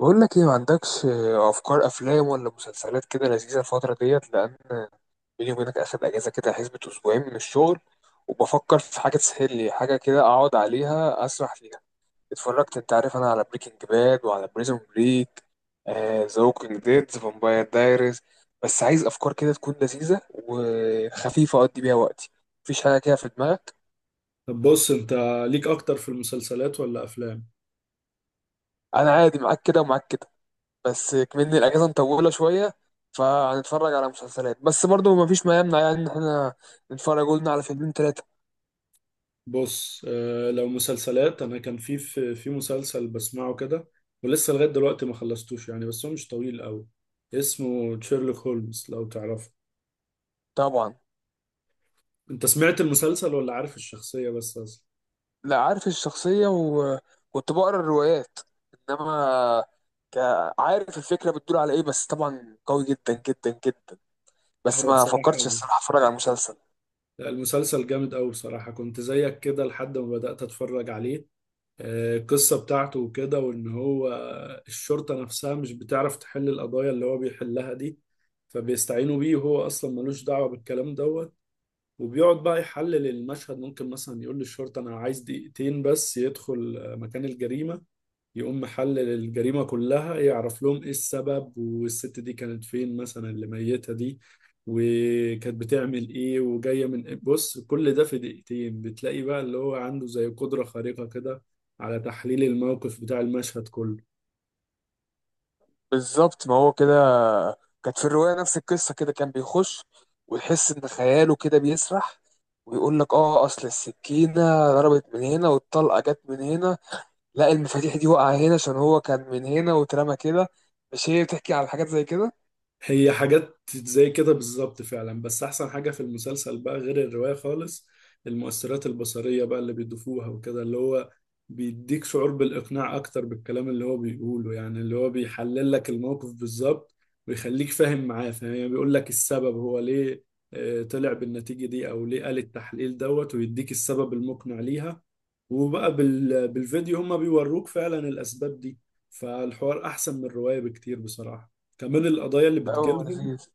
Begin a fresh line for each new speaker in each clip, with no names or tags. بقول لك ايه؟ ما عندكش افكار افلام ولا مسلسلات كده لذيذه الفتره ديت؟ لان بيني وبينك اخد اجازه كده حسبة اسبوعين من الشغل، وبفكر في حاجه تسهل لي حاجه كده اقعد عليها اسرح فيها. اتفرجت، انت عارف، انا على بريكنج باد وعلى بريزون بريك، ذا ووكينج ديد، ذا فامباير دايريز. بس عايز افكار كده تكون لذيذه وخفيفه اقضي بيها وقتي. مفيش حاجه كده في دماغك؟
طب بص انت، ليك اكتر في المسلسلات ولا افلام؟
انا عادي معاك كده ومعاك كده، بس كمان الاجازه مطوله شويه، فهنتفرج على مسلسلات. بس برضو ما فيش ما يمنع يعني ان احنا نتفرج، قلنا، على فيلمين ثلاثه.
بص، آه، لو مسلسلات انا كان في مسلسل بسمعه كده، ولسه لغايه دلوقتي ما خلصتوش يعني، بس هو مش طويل قوي. اسمه شيرلوك هولمز، لو تعرفه.
طبعا.
انت سمعت المسلسل ولا عارف الشخصيه بس اصلا؟
لا، عارف الشخصيه وكنت بقرا الروايات، انما ك... عارف الفكره بتدور على ايه، بس طبعا قوي جدا جدا جدا. بس
هو
ما
بصراحه،
فكرتش الصراحه اتفرج على مسلسل.
لا، المسلسل جامد قوي بصراحه. كنت زيك كده لحد ما بدات اتفرج عليه. آه، القصة بتاعته وكده، وإن هو الشرطة نفسها مش بتعرف تحل القضايا اللي هو بيحلها دي، فبيستعينوا بيه. وهو أصلا ملوش دعوة بالكلام دوت، وبيقعد بقى يحلل المشهد. ممكن مثلا يقول للشرطة أنا عايز دقيقتين بس يدخل مكان الجريمة، يقوم محلل الجريمة كلها، يعرف لهم ايه السبب، والست دي كانت فين مثلا اللي ميتها دي، وكانت بتعمل ايه، وجاية من إيه. بص، كل ده في دقيقتين. بتلاقي بقى اللي هو عنده زي قدرة خارقة كده على تحليل الموقف بتاع المشهد كله.
بالظبط، ما هو كده كانت في الرواية، نفس القصة كده، كان بيخش ويحس إن خياله كده بيسرح ويقول لك آه، أصل السكينة ضربت من هنا والطلقة جت من هنا، لا المفاتيح دي وقع هنا عشان هو كان من هنا واترمى كده. مش هي بتحكي على حاجات زي كده؟
هي حاجات زي كده بالظبط فعلا، بس احسن حاجة في المسلسل بقى، غير الرواية خالص، المؤثرات البصرية بقى اللي بيضيفوها وكده، اللي هو بيديك شعور بالإقناع أكتر بالكلام اللي هو بيقوله. يعني اللي هو بيحلل لك الموقف بالظبط ويخليك فاهم معاه. فاهم؟ يعني بيقول لك السبب هو ليه طلع بالنتيجة دي، أو ليه قال التحليل دوت، ويديك السبب المقنع ليها. وبقى بالفيديو هما بيوروك فعلا الأسباب دي. فالحوار أحسن من الرواية بكتير بصراحة. كمان القضايا اللي
أوه
بتجيلهم،
لذيذ.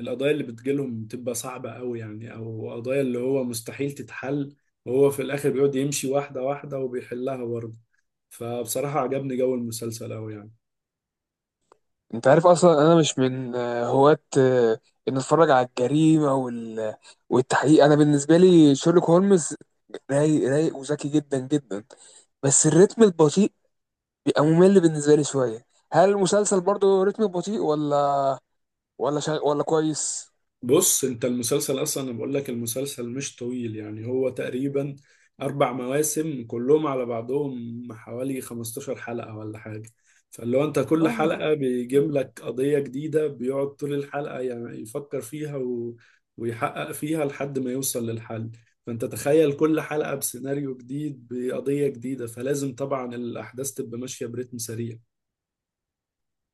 القضايا اللي بتجيلهم بتبقى صعبة قوي، يعني او قضايا اللي هو مستحيل تتحل، وهو في الاخر بيقعد يمشي واحدة واحدة وبيحلها برضه. فبصراحة عجبني جو المسلسل قوي يعني.
أنت عارف أصلا أنا مش من هواة إن أتفرج على الجريمة والتحقيق. أنا بالنسبة لي شيرلوك هولمز رايق رايق وذكي جدا جدا، بس الريتم البطيء بيبقى ممل بالنسبة لي شوية. هل المسلسل برضو رتمه بطيء، ولا كويس؟
بص انت، المسلسل اصلا انا بقول لك المسلسل مش طويل يعني، هو تقريبا اربع مواسم كلهم على بعضهم حوالي 15 حلقة ولا حاجة. فاللي هو انت كل
والله.
حلقة بيجيب
مم.
لك قضية جديدة، بيقعد طول الحلقة يعني يفكر فيها و... ويحقق فيها لحد ما يوصل للحل. فانت تخيل كل حلقة بسيناريو جديد بقضية جديدة، فلازم طبعا الاحداث تبقى ماشية برتم سريع.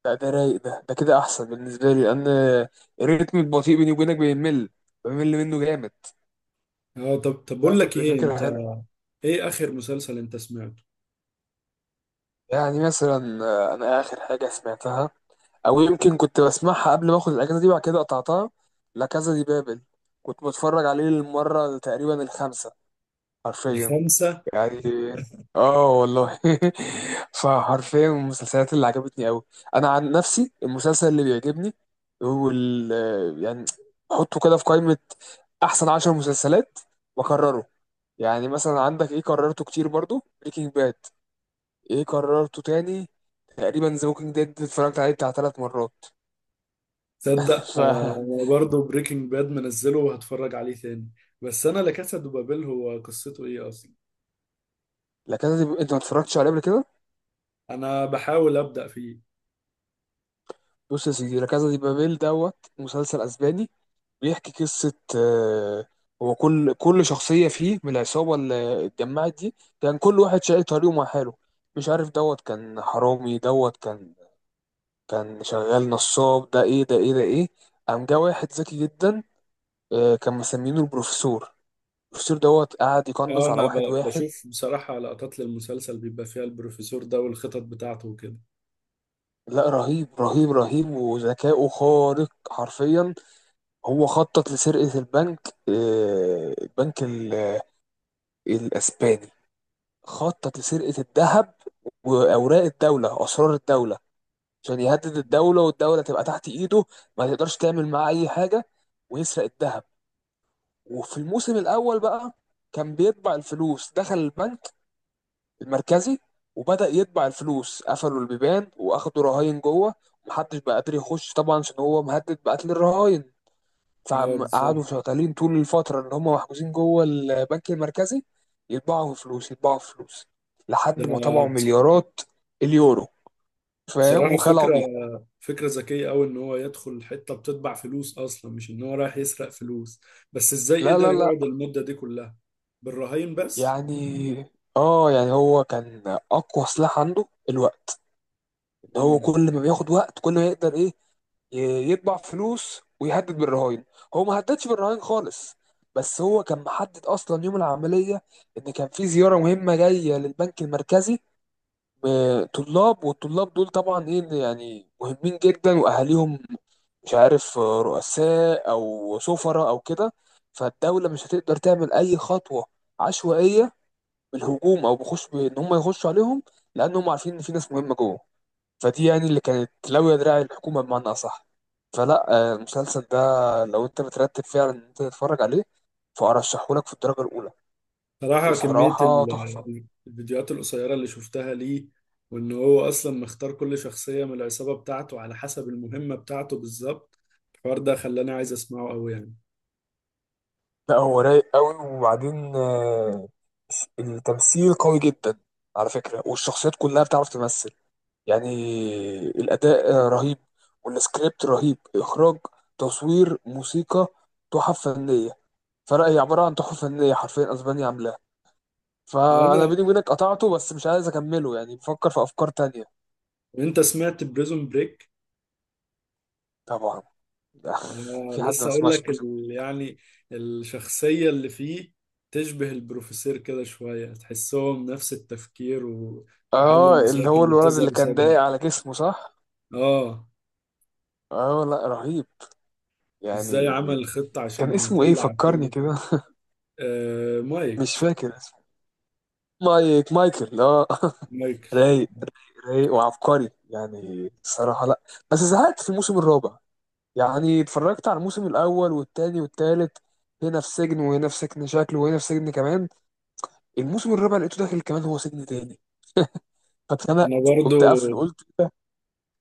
لا ده رايق، ده كده أحسن بالنسبة لي، لأن الريتم البطيء بيني وبينك بيمل، بمل منه جامد.
اه، طب
لا
بقول
طب
لك
ده
ايه انت،
فكرة هنا.
ايه اخر مسلسل انت سمعته؟
يعني مثلا أنا آخر حاجة سمعتها، أو يمكن كنت بسمعها قبل ما آخد الأجازة دي وبعد كده قطعتها، لا كازا دي بابل. كنت بتفرج عليه للمرة تقريبا الخامسة حرفيا،
الخمسة؟
يعني. اه والله. فحرفيا من المسلسلات اللي عجبتني قوي. انا عن نفسي المسلسل اللي بيعجبني هو ال، يعني، حطه كده في قائمة احسن 10 مسلسلات واكرره. يعني مثلا عندك ايه كررته كتير برضو، بريكنج باد، ايه كررته تاني تقريبا، ذا ووكينج ديد اتفرجت عليه بتاع 3 مرات.
تصدق
ف،
آه برضه بريكنج باد منزله وهتفرج عليه تاني. بس انا لا كاسا دو بابيل، هو قصته ايه اصلا؟
لا كذا دي... انت ما اتفرجتش عليه قبل كده؟
انا بحاول ابدا فيه.
بص يا سيدي، لا كذا دي بابيل دوت مسلسل اسباني. بيحكي قصة هو كل شخصية فيه من العصابة اللي اتجمعت دي كان كل واحد شايل طريقه مع حاله. مش عارف دوت كان حرامي دوت كان كان شغال نصاب، ده ايه ده ايه ده ايه. قام جه واحد ذكي جدا، كان مسمينه البروفيسور. البروفيسور دوت قعد
اه،
يقنص على
انا
واحد واحد.
بشوف بصراحه لقطات للمسلسل بيبقى فيها البروفيسور ده والخطط بتاعته وكده.
لا رهيب رهيب رهيب، وذكائه خارق حرفيا. هو خطط لسرقة البنك، البنك الأسباني. خطط لسرقة الذهب وأوراق الدولة، أسرار الدولة، عشان يهدد الدولة والدولة تبقى تحت إيده، ما تقدرش تعمل معاه أي حاجة، ويسرق الذهب. وفي الموسم الأول بقى كان بيطبع الفلوس، دخل البنك المركزي وبدأ يطبع الفلوس، قفلوا البيبان وأخدوا رهاين جوه. محدش بقى قادر يخش طبعا عشان هو مهدد بقتل الرهاين.
اه
فقعدوا
بالظبط.
شغالين طول الفترة اللي هم محجوزين جوه البنك المركزي يطبعوا فلوس يطبعوا فلوس،
ده
لحد ما طبعوا مليارات اليورو، فاهم،
بصراحه
وخلعوا
فكره،
بيها.
فكره ذكيه قوي ان هو يدخل حته بتطبع فلوس اصلا، مش ان هو رايح يسرق فلوس. بس ازاي
لا لا
قدر
لا.
يقعد المده دي كلها بالرهاين بس؟
يعني اه، يعني هو كان أقوى سلاح عنده الوقت، إن هو كل ما بياخد وقت كل ما يقدر إيه يطبع فلوس ويهدد بالرهائن. هو ما هددش بالرهائن خالص، بس هو كان محدد أصلا يوم العملية، إن كان في زيارة مهمة جاية للبنك المركزي، وطلاب، والطلاب دول طبعا ايه اللي يعني مهمين جدا، واهاليهم مش عارف رؤساء او سفراء او كده. فالدوله مش هتقدر تعمل اي خطوه عشوائيه بالهجوم او بخش بان هم يخشوا عليهم، لانهم عارفين ان في ناس مهمه جوه. فدي يعني اللي كانت لاويه دراع الحكومه بمعنى اصح. فلا، المسلسل ده، لو انت مترتب فعلا ان انت تتفرج عليه، فارشحهولك في الدرجه الاولى.
صراحة كمية
بصراحه تحفه.
الفيديوهات القصيرة اللي شفتها ليه، وإن هو أصلا مختار كل شخصية من العصابة بتاعته على حسب المهمة بتاعته بالظبط، الحوار ده خلاني عايز أسمعه أوي يعني.
لا هو رايق قوي. وبعدين التمثيل قوي جدا على فكرة، والشخصيات كلها بتعرف تمثل. يعني الأداء رهيب، والسكريبت رهيب، إخراج، تصوير، موسيقى، تحف فنية. فلا هي عبارة عن تحف فنية حرفيا، أسبانيا عاملاها.
طب
فأنا
أنا،
بيني وبينك قطعته، بس مش عايز أكمله، يعني بفكر في أفكار تانية.
وأنت سمعت بريزون بريك؟
طبعا. في
أنا
حد ما
لسه أقول
سمعش
لك
بيزم؟
يعني الشخصية اللي فيه تشبه البروفيسور كده شوية، تحسهم نفس التفكير و... وحل
اه، اللي
المشاكل
هو
اللي
الولد
بتظهر
اللي كان
قصادهم.
ضايق على جسمه، صح؟
آه.
اه لا رهيب،
وإزاي
يعني.
عمل خطة عشان
كان اسمه ايه
يطلع
فكرني
أخوه.
كده؟
آه،
مش
مايك.
فاكر اسمه. مايك، مايكل، اه.
مايك.
رايق رايق رايق وعبقري، يعني الصراحة. لا بس زهقت في الموسم الرابع. يعني اتفرجت على الموسم الأول والتاني والتالت، هنا في سجن وهنا في سجن شكل وهنا في سجن كمان. الموسم الرابع لقيته داخل كمان هو سجن تاني،
انا
فاتخنقت،
برضو
قمت قافله، قلت إيه ده؟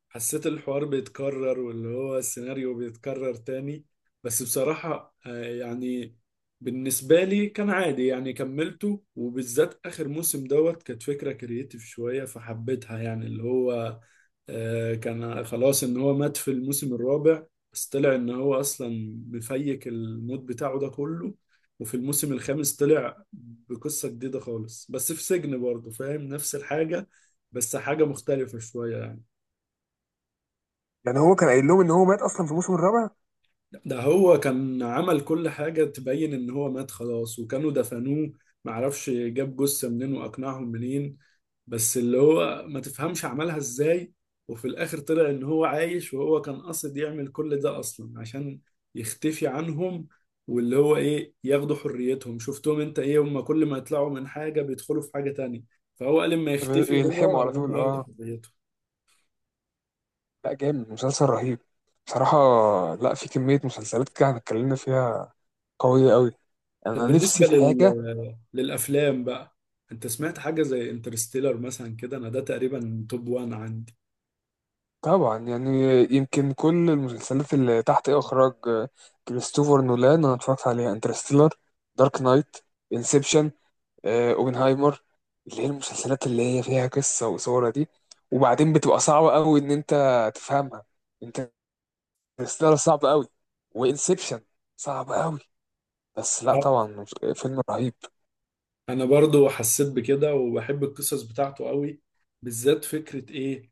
حسيت الحوار بيتكرر، واللي هو السيناريو بيتكرر تاني. بس بصراحة يعني بالنسبة لي كان عادي يعني، كملته. وبالذات آخر موسم دوت كانت فكرة كرييتيف شوية فحبيتها. يعني اللي هو كان خلاص ان هو مات في الموسم الرابع، بس طلع ان هو اصلا مفيك الموت بتاعه ده كله. وفي الموسم الخامس طلع بقصة جديدة خالص، بس في سجن برضه، فاهم؟ نفس الحاجة، بس حاجة مختلفة شوية يعني.
يعني هو كان قايل لهم ان هو مات اصلا في الموسم الرابع.
ده هو كان عمل كل حاجة تبين ان هو مات خلاص، وكانوا دفنوه. معرفش جاب جثة منين واقنعهم منين، بس اللي هو ما تفهمش عملها ازاي. وفي الاخر طلع ان هو عايش، وهو كان قاصد يعمل كل ده اصلا عشان يختفي عنهم. واللي هو ايه، ياخدوا حريتهم. شفتهم انت ايه؟ هم كل ما يطلعوا من حاجة بيدخلوا في حاجة تانية، فهو قال لما يختفي هو،
يلحموا على
هم
طول،
هياخدوا
اه.
حريتهم.
لا جامد، مسلسل رهيب بصراحة. لا في كمية مسلسلات كده احنا اتكلمنا فيها قوية قوي.
طب
أنا نفسي
بالنسبة
في حاجة.
للأفلام بقى، انت سمعت حاجة زي انترستيلر مثلا كده؟ انا ده تقريبا توب وان عندي.
طبعا، يعني. يمكن كل المسلسلات اللي تحت إخراج كريستوفر نولان أنا اتفرجت عليها: انترستيلر، دارك نايت، انسبشن، اوبنهايمر، اللي هي المسلسلات اللي هي فيها قصة وصورة دي. وبعدين بتبقى صعبة قوي إن أنت تفهمها. انترستيلر صعب قوي، وانسبشن صعب قوي. بس لا
آه،
طبعا، فيلم رهيب.
انا برضو حسيت بكده وبحب القصص بتاعته قوي، بالذات فكرة ايه،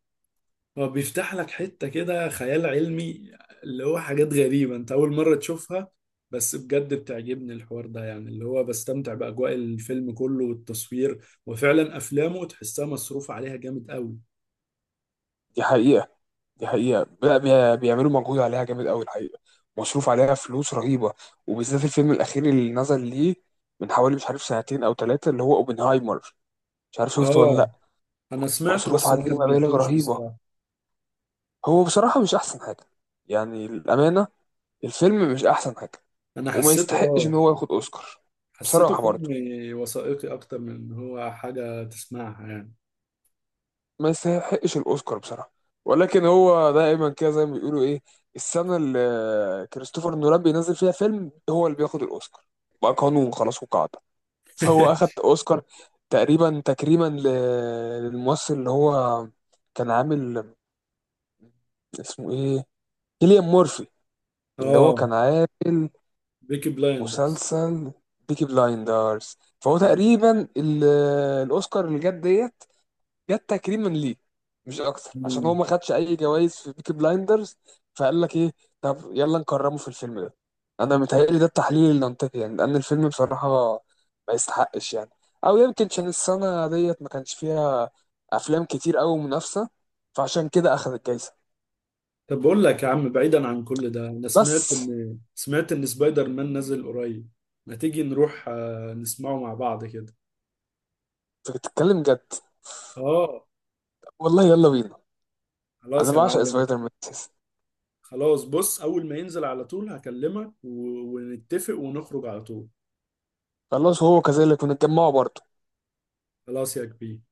هو بيفتح لك حتة كده خيال علمي، اللي هو حاجات غريبة انت أول مرة تشوفها. بس بجد بتعجبني الحوار ده يعني، اللي هو بستمتع بأجواء الفيلم كله والتصوير، وفعلا أفلامه تحسها مصروف عليها جامد قوي.
دي حقيقة، دي حقيقة. لا بيعملوا مجهود عليها جامد قوي، الحقيقة مصروف عليها فلوس رهيبة. وبالذات الفيلم الأخير اللي نزل ليه من حوالي مش عارف سنتين أو ثلاثة، اللي هو أوبنهايمر. مش عارف شفته ولا
اه،
لأ.
أنا سمعته
مصروف
بس ما
عليه مبالغ
كملتوش
رهيبة.
بصراحة.
هو بصراحة مش أحسن حاجة، يعني الأمانة، الفيلم مش أحسن حاجة.
أنا
وما
حسيته،
يستحقش
اه،
إن هو ياخد أوسكار
حسيته
بصراحة
فيلم
برضه.
وثائقي أكتر من إن هو حاجة تسمعها يعني.
ما يستحقش الاوسكار بصراحه، ولكن هو دائما كده زي ما بيقولوا ايه، السنه اللي كريستوفر نولان بينزل فيها فيلم هو اللي بياخد الاوسكار، بقى قانون خلاص وقاعده. فهو اخد اوسكار تقريبا تكريما للممثل اللي هو كان عامل، اسمه ايه، كيليان مورفي، اللي هو
اه،
كان عامل
بيكي بلايندرز.
مسلسل بيكي بلايندرز. فهو تقريبا الاوسكار اللي جت ديت جت تكريما ليه، مش اكتر، عشان هو ما خدش اي جوائز في بيكي بلايندرز. فقال لك ايه، طب يلا نكرمه في الفيلم ده. انا متهيألي ده التحليل المنطقي، يعني لان الفيلم بصراحه ما يستحقش، يعني. او يمكن عشان السنه ديت ما كانش فيها افلام كتير قوي منافسه، فعشان كده اخذ الجايزه.
طب بقول لك يا عم، بعيدا عن كل ده، انا سمعت
بس
ان، سبايدر مان نازل قريب. ما تيجي نروح نسمعه مع بعض كده؟
انت بتتكلم جد؟
اه.
والله يلا بينا. انا
خلاص يا
بعشق
معلم.
سبايدر مان أساساً.
خلاص، بص، اول ما ينزل على طول هكلمك و... ونتفق ونخرج على طول.
خلاص، هو كذلك ونتجمعوا برضه.
خلاص يا كبير.